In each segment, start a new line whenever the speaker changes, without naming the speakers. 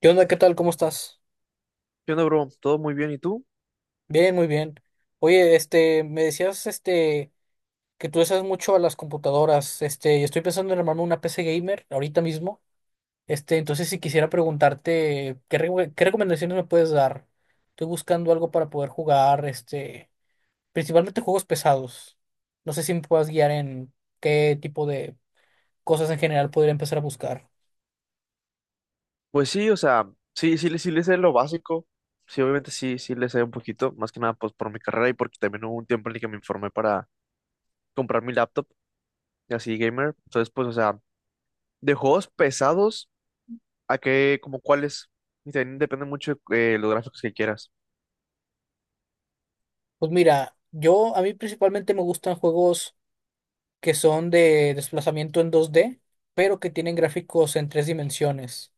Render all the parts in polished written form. ¿Qué onda? ¿Qué tal? ¿Cómo estás?
¿Qué onda, bro? ¿Todo muy bien? ¿Y tú?
Bien, muy bien. Oye, me decías, que tú usas mucho a las computadoras, y estoy pensando en armarme una PC gamer ahorita mismo, entonces si quisiera preguntarte, ¿ qué recomendaciones me puedes dar? Estoy buscando algo para poder jugar, principalmente juegos pesados. No sé si me puedas guiar en qué tipo de cosas en general podría empezar a buscar.
Pues sí, o sea, sí, sí, sí le sé lo básico. Sí, obviamente sí, sí le sé un poquito. Más que nada, pues por mi carrera y porque también hubo un tiempo en el que me informé para comprar mi laptop y así gamer. Entonces, pues, o sea, de juegos pesados a que, como cuáles. Y también depende mucho de los gráficos que quieras.
Pues mira, a mí principalmente me gustan juegos que son de desplazamiento en 2D pero que tienen gráficos en 3 dimensiones.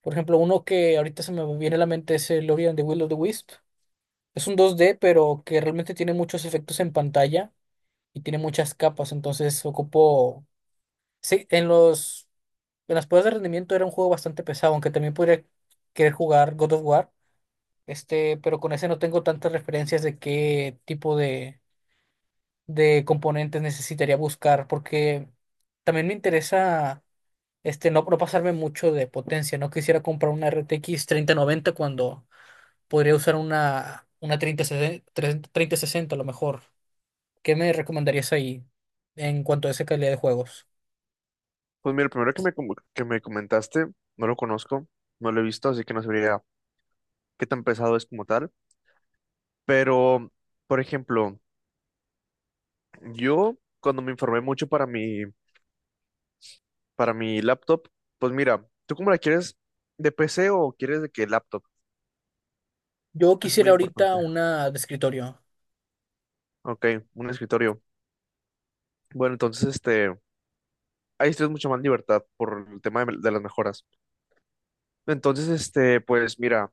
Por ejemplo, uno que ahorita se me viene a la mente es el Ori and the Will of the Wisp. Es un 2D pero que realmente tiene muchos efectos en pantalla y tiene muchas capas, entonces ocupó. Sí, en los. En las pruebas de rendimiento era un juego bastante pesado, aunque también podría querer jugar God of War, pero con ese no tengo tantas referencias de qué tipo de componentes necesitaría buscar, porque también me interesa no pasarme mucho de potencia. No quisiera comprar una RTX 90 cuando podría usar una 3060, 3060 a lo mejor. ¿Qué me recomendarías ahí en cuanto a esa calidad de juegos?
Pues mira, el primero que me, que me comentaste, no lo conozco, no lo he visto, así que no sabría qué tan pesado es como tal. Pero, por ejemplo, yo cuando me informé mucho para mi laptop, pues mira, ¿tú cómo la quieres? ¿De PC o quieres de qué laptop?
Yo
Eso es muy
quisiera ahorita
importante.
una de escritorio,
Ok, un escritorio. Bueno, entonces, este, ahí tienes mucha más libertad por el tema de las mejoras. Entonces, este, pues mira,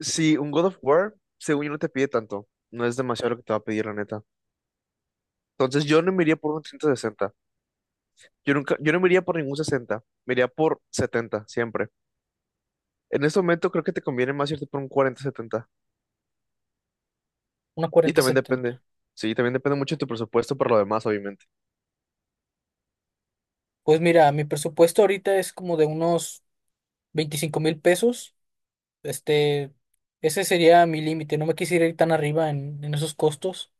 si un God of War, según yo, no te pide tanto. No es demasiado lo que te va a pedir, la neta. Entonces, yo no me iría por un 360, yo nunca, yo no me iría por ningún sesenta. Me iría por 70 siempre. En este momento creo que te conviene más irte por un 4070.
una
Y
cuarenta
también depende,
setenta
sí, también depende mucho de tu presupuesto por lo demás, obviamente.
Pues mira, mi presupuesto ahorita es como de unos $25,000. Este, ese sería mi límite. No me quisiera ir tan arriba en esos costos.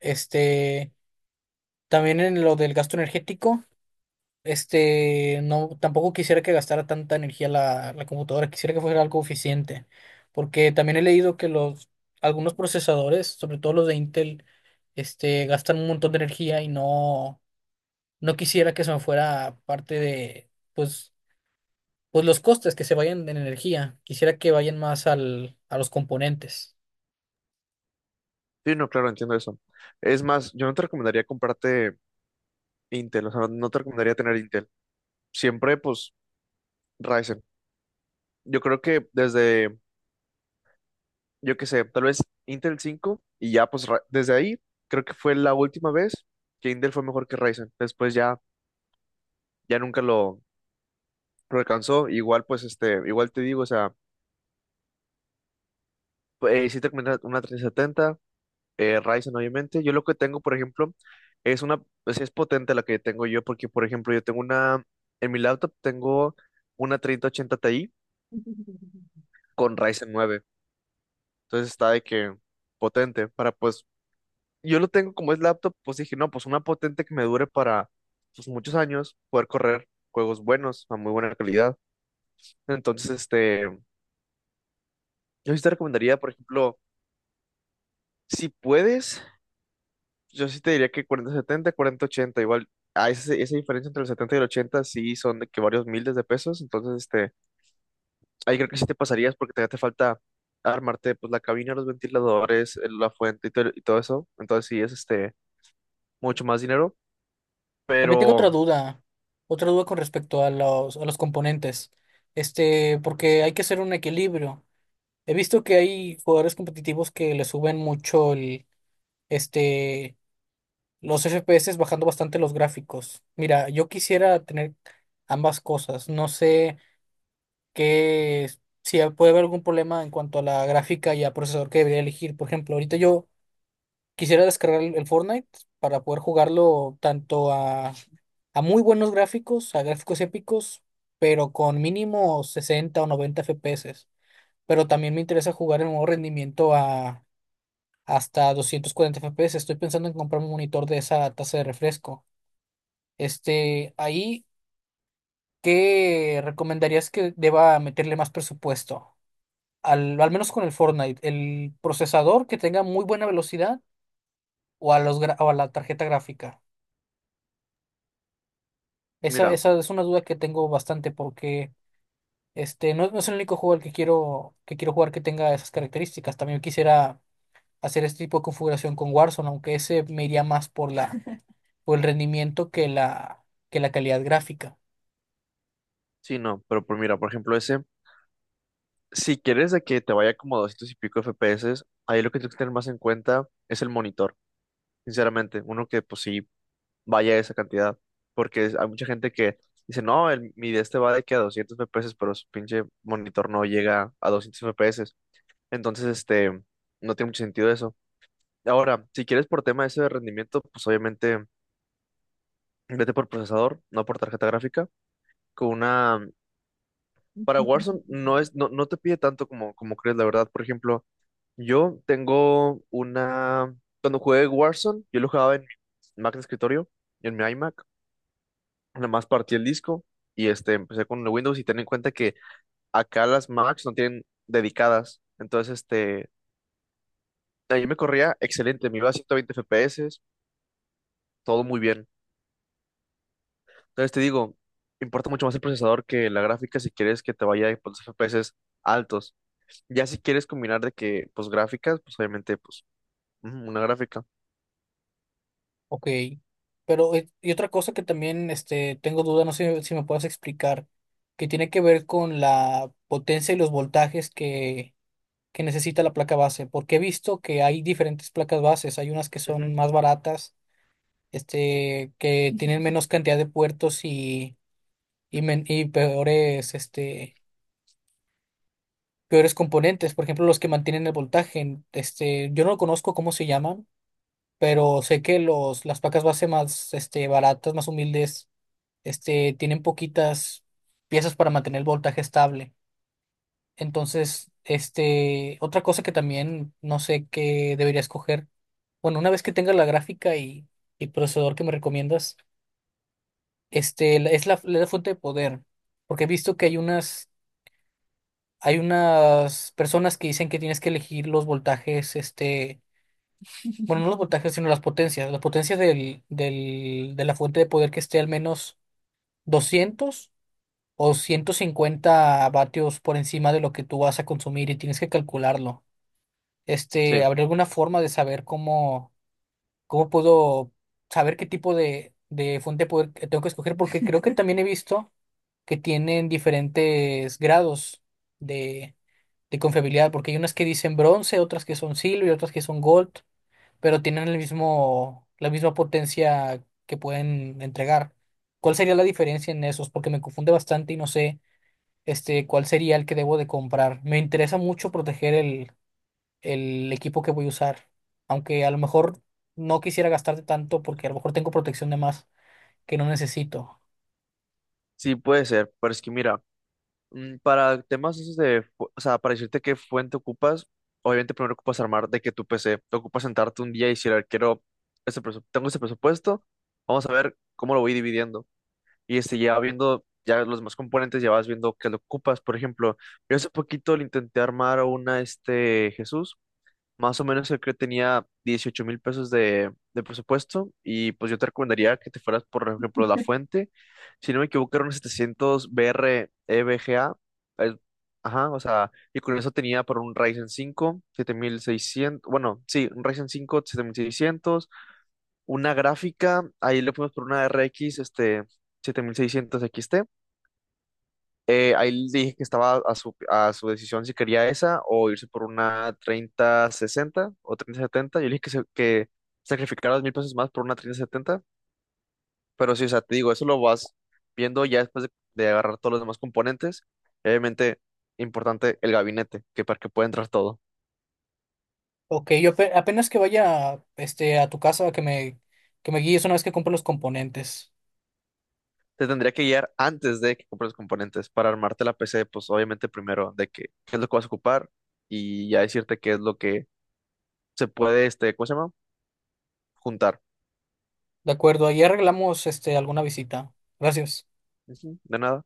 Este, también en lo del gasto energético. Tampoco quisiera que gastara tanta energía la computadora, quisiera que fuera algo eficiente, porque también he leído que algunos procesadores, sobre todo los de Intel, gastan un montón de energía y no quisiera que se me fuera parte de, pues, pues los costes que se vayan en energía, quisiera que vayan más a los componentes.
Sí, no, claro, entiendo eso. Es más, yo no te recomendaría comprarte Intel, o sea, no te recomendaría tener Intel. Siempre, pues, Ryzen. Yo creo que desde, yo qué sé, tal vez Intel 5 y ya, pues, desde ahí, creo que fue la última vez que Intel fue mejor que Ryzen. Después ya, ya nunca lo alcanzó. Igual, pues, este, igual te digo, o sea, pues, sí te recomendaría una 3070, Ryzen, obviamente. Yo lo que tengo, por ejemplo, es una, pues, es potente la que tengo yo, porque, por ejemplo, yo tengo una, en mi laptop tengo una 3080 Ti con Ryzen nueve. Entonces está de que potente para, pues, yo lo tengo como es laptop, pues dije, no, pues una potente que me dure para, pues, muchos años, poder correr juegos buenos, a muy buena calidad. Entonces, este, yo sí te recomendaría, por ejemplo, si puedes, yo sí te diría que 4070 4080 igual. Ah, esa diferencia entre el 70 y el 80 sí son de que varios miles de pesos, entonces este, ahí creo que sí te pasarías porque te falta armarte pues la cabina, los ventiladores, la fuente y, y todo eso, entonces sí es este mucho más dinero,
También tengo
pero
otra duda con respecto a a los componentes, porque hay que hacer un equilibrio. He visto que hay jugadores competitivos que le suben mucho este, los FPS bajando bastante los gráficos. Mira, yo quisiera tener ambas cosas. No sé qué, si puede haber algún problema en cuanto a la gráfica y a procesador que debería elegir. Por ejemplo, ahorita yo quisiera descargar el Fortnite para poder jugarlo tanto a muy buenos gráficos, a gráficos épicos, pero con mínimo 60 o 90 FPS. Pero también me interesa jugar en nuevo rendimiento a hasta 240 FPS. Estoy pensando en comprar un monitor de esa tasa de refresco. Ahí, ¿qué recomendarías que deba meterle más presupuesto? Al menos con el Fortnite, el procesador que tenga muy buena velocidad o a los o a la tarjeta gráfica.
mira,
Esa es una duda que tengo bastante porque no es el único juego al que quiero jugar que tenga esas características. También quisiera hacer este tipo de configuración con Warzone, aunque ese me iría más por la o el rendimiento que que la calidad gráfica.
sí, no, pero por ejemplo ese, si quieres de que te vaya como a 200 y pico FPS, ahí lo que tienes que tener más en cuenta es el monitor, sinceramente, uno que pues sí vaya esa cantidad. Porque hay mucha gente que dice, no, el, mi de este va de que a 200 FPS, pero su pinche monitor no llega a 200 FPS. Entonces, este, no tiene mucho sentido eso. Ahora, si quieres por tema ese de rendimiento, pues obviamente vete por procesador, no por tarjeta gráfica. Con una. Para Warzone no es, no, no te pide tanto como crees, la verdad. Por ejemplo, yo tengo una. Cuando jugué Warzone, yo lo jugaba en mi Mac de escritorio, en mi iMac. Nada más partí el disco y este, empecé con el Windows y ten en cuenta que acá las Macs no tienen dedicadas. Entonces, este, ahí me corría excelente, me iba a 120 FPS, todo muy bien. Entonces te digo, importa mucho más el procesador que la gráfica si quieres que te vaya a los FPS altos. Ya si quieres combinar de que, pues gráficas, pues obviamente, pues ujú, una gráfica.
Ok. Pero, y otra cosa que también tengo duda, no sé si me puedas explicar, que tiene que ver con la potencia y los voltajes que necesita la placa base. Porque he visto que hay diferentes placas bases. Hay unas que
Ujú,
son más baratas, que tienen menos cantidad de puertos y, y peores, peores componentes. Por ejemplo, los que mantienen el voltaje. Yo no lo conozco cómo se llaman pero sé que las pacas base más baratas, más humildes, tienen poquitas piezas para mantener el voltaje estable. Entonces, otra cosa que también no sé qué debería escoger, bueno, una vez que tenga la gráfica y procesador que me recomiendas, es la fuente de poder, porque he visto que hay unas personas que dicen que tienes que elegir los voltajes, bueno, no los voltajes, sino las potencias. Las potencias de la fuente de poder que esté al menos 200 o 150 W por encima de lo que tú vas a consumir y tienes que calcularlo.
sí,
¿Habría alguna forma de saber cómo, cómo puedo saber qué tipo de fuente de poder que tengo que escoger? Porque creo que también he visto que tienen diferentes grados de, de confiabilidad, porque hay unas que dicen bronce, otras que son silver, otras que son gold pero tienen el mismo, la misma potencia que pueden entregar. ¿Cuál sería la diferencia en esos? Porque me confunde bastante y no sé, cuál sería el que debo de comprar. Me interesa mucho proteger el equipo que voy a usar, aunque a lo mejor no quisiera gastarte tanto porque a lo mejor tengo protección de más que no necesito.
sí puede ser, pero es que mira, para temas esos de, o sea, para decirte qué fuente ocupas, obviamente primero ocupas armar de que tu PC, te ocupas sentarte un día y decir, "A ver, quiero, tengo ese presupuesto, vamos a ver cómo lo voy dividiendo." Y este, ya viendo ya los más componentes, ya vas viendo qué lo ocupas. Por ejemplo, yo hace poquito le intenté armar a una, este, Jesús. Más o menos el que tenía 18,000 pesos de presupuesto y pues yo te recomendaría que te fueras por ejemplo La Fuente. Si no me equivoco eran 700 BR EVGA. eh, ajá, o sea, y con eso tenía por un Ryzen 5 7600, bueno, sí, un Ryzen 5 7600, una gráfica, ahí le fuimos por una RX, este, 7600 XT, ahí le dije que estaba a su decisión si quería esa o irse por una 3060 o 3070. Yo le dije que, que sacrificara 2,000 pesos más por una 3070. Pero sí, o sea, te digo, eso lo vas viendo ya después de agarrar todos los demás componentes. Obviamente, importante el gabinete, que para que pueda entrar todo.
Ok, yo apenas que vaya, a tu casa que me guíes una vez que compre los componentes.
Te tendría que guiar antes de que compres los componentes para armarte la PC, pues obviamente primero de que, qué es lo que vas a ocupar y ya decirte qué es lo que se puede, este, ¿cómo se llama? Juntar.
De acuerdo, ahí arreglamos, alguna visita. Gracias.
Ujú, de nada.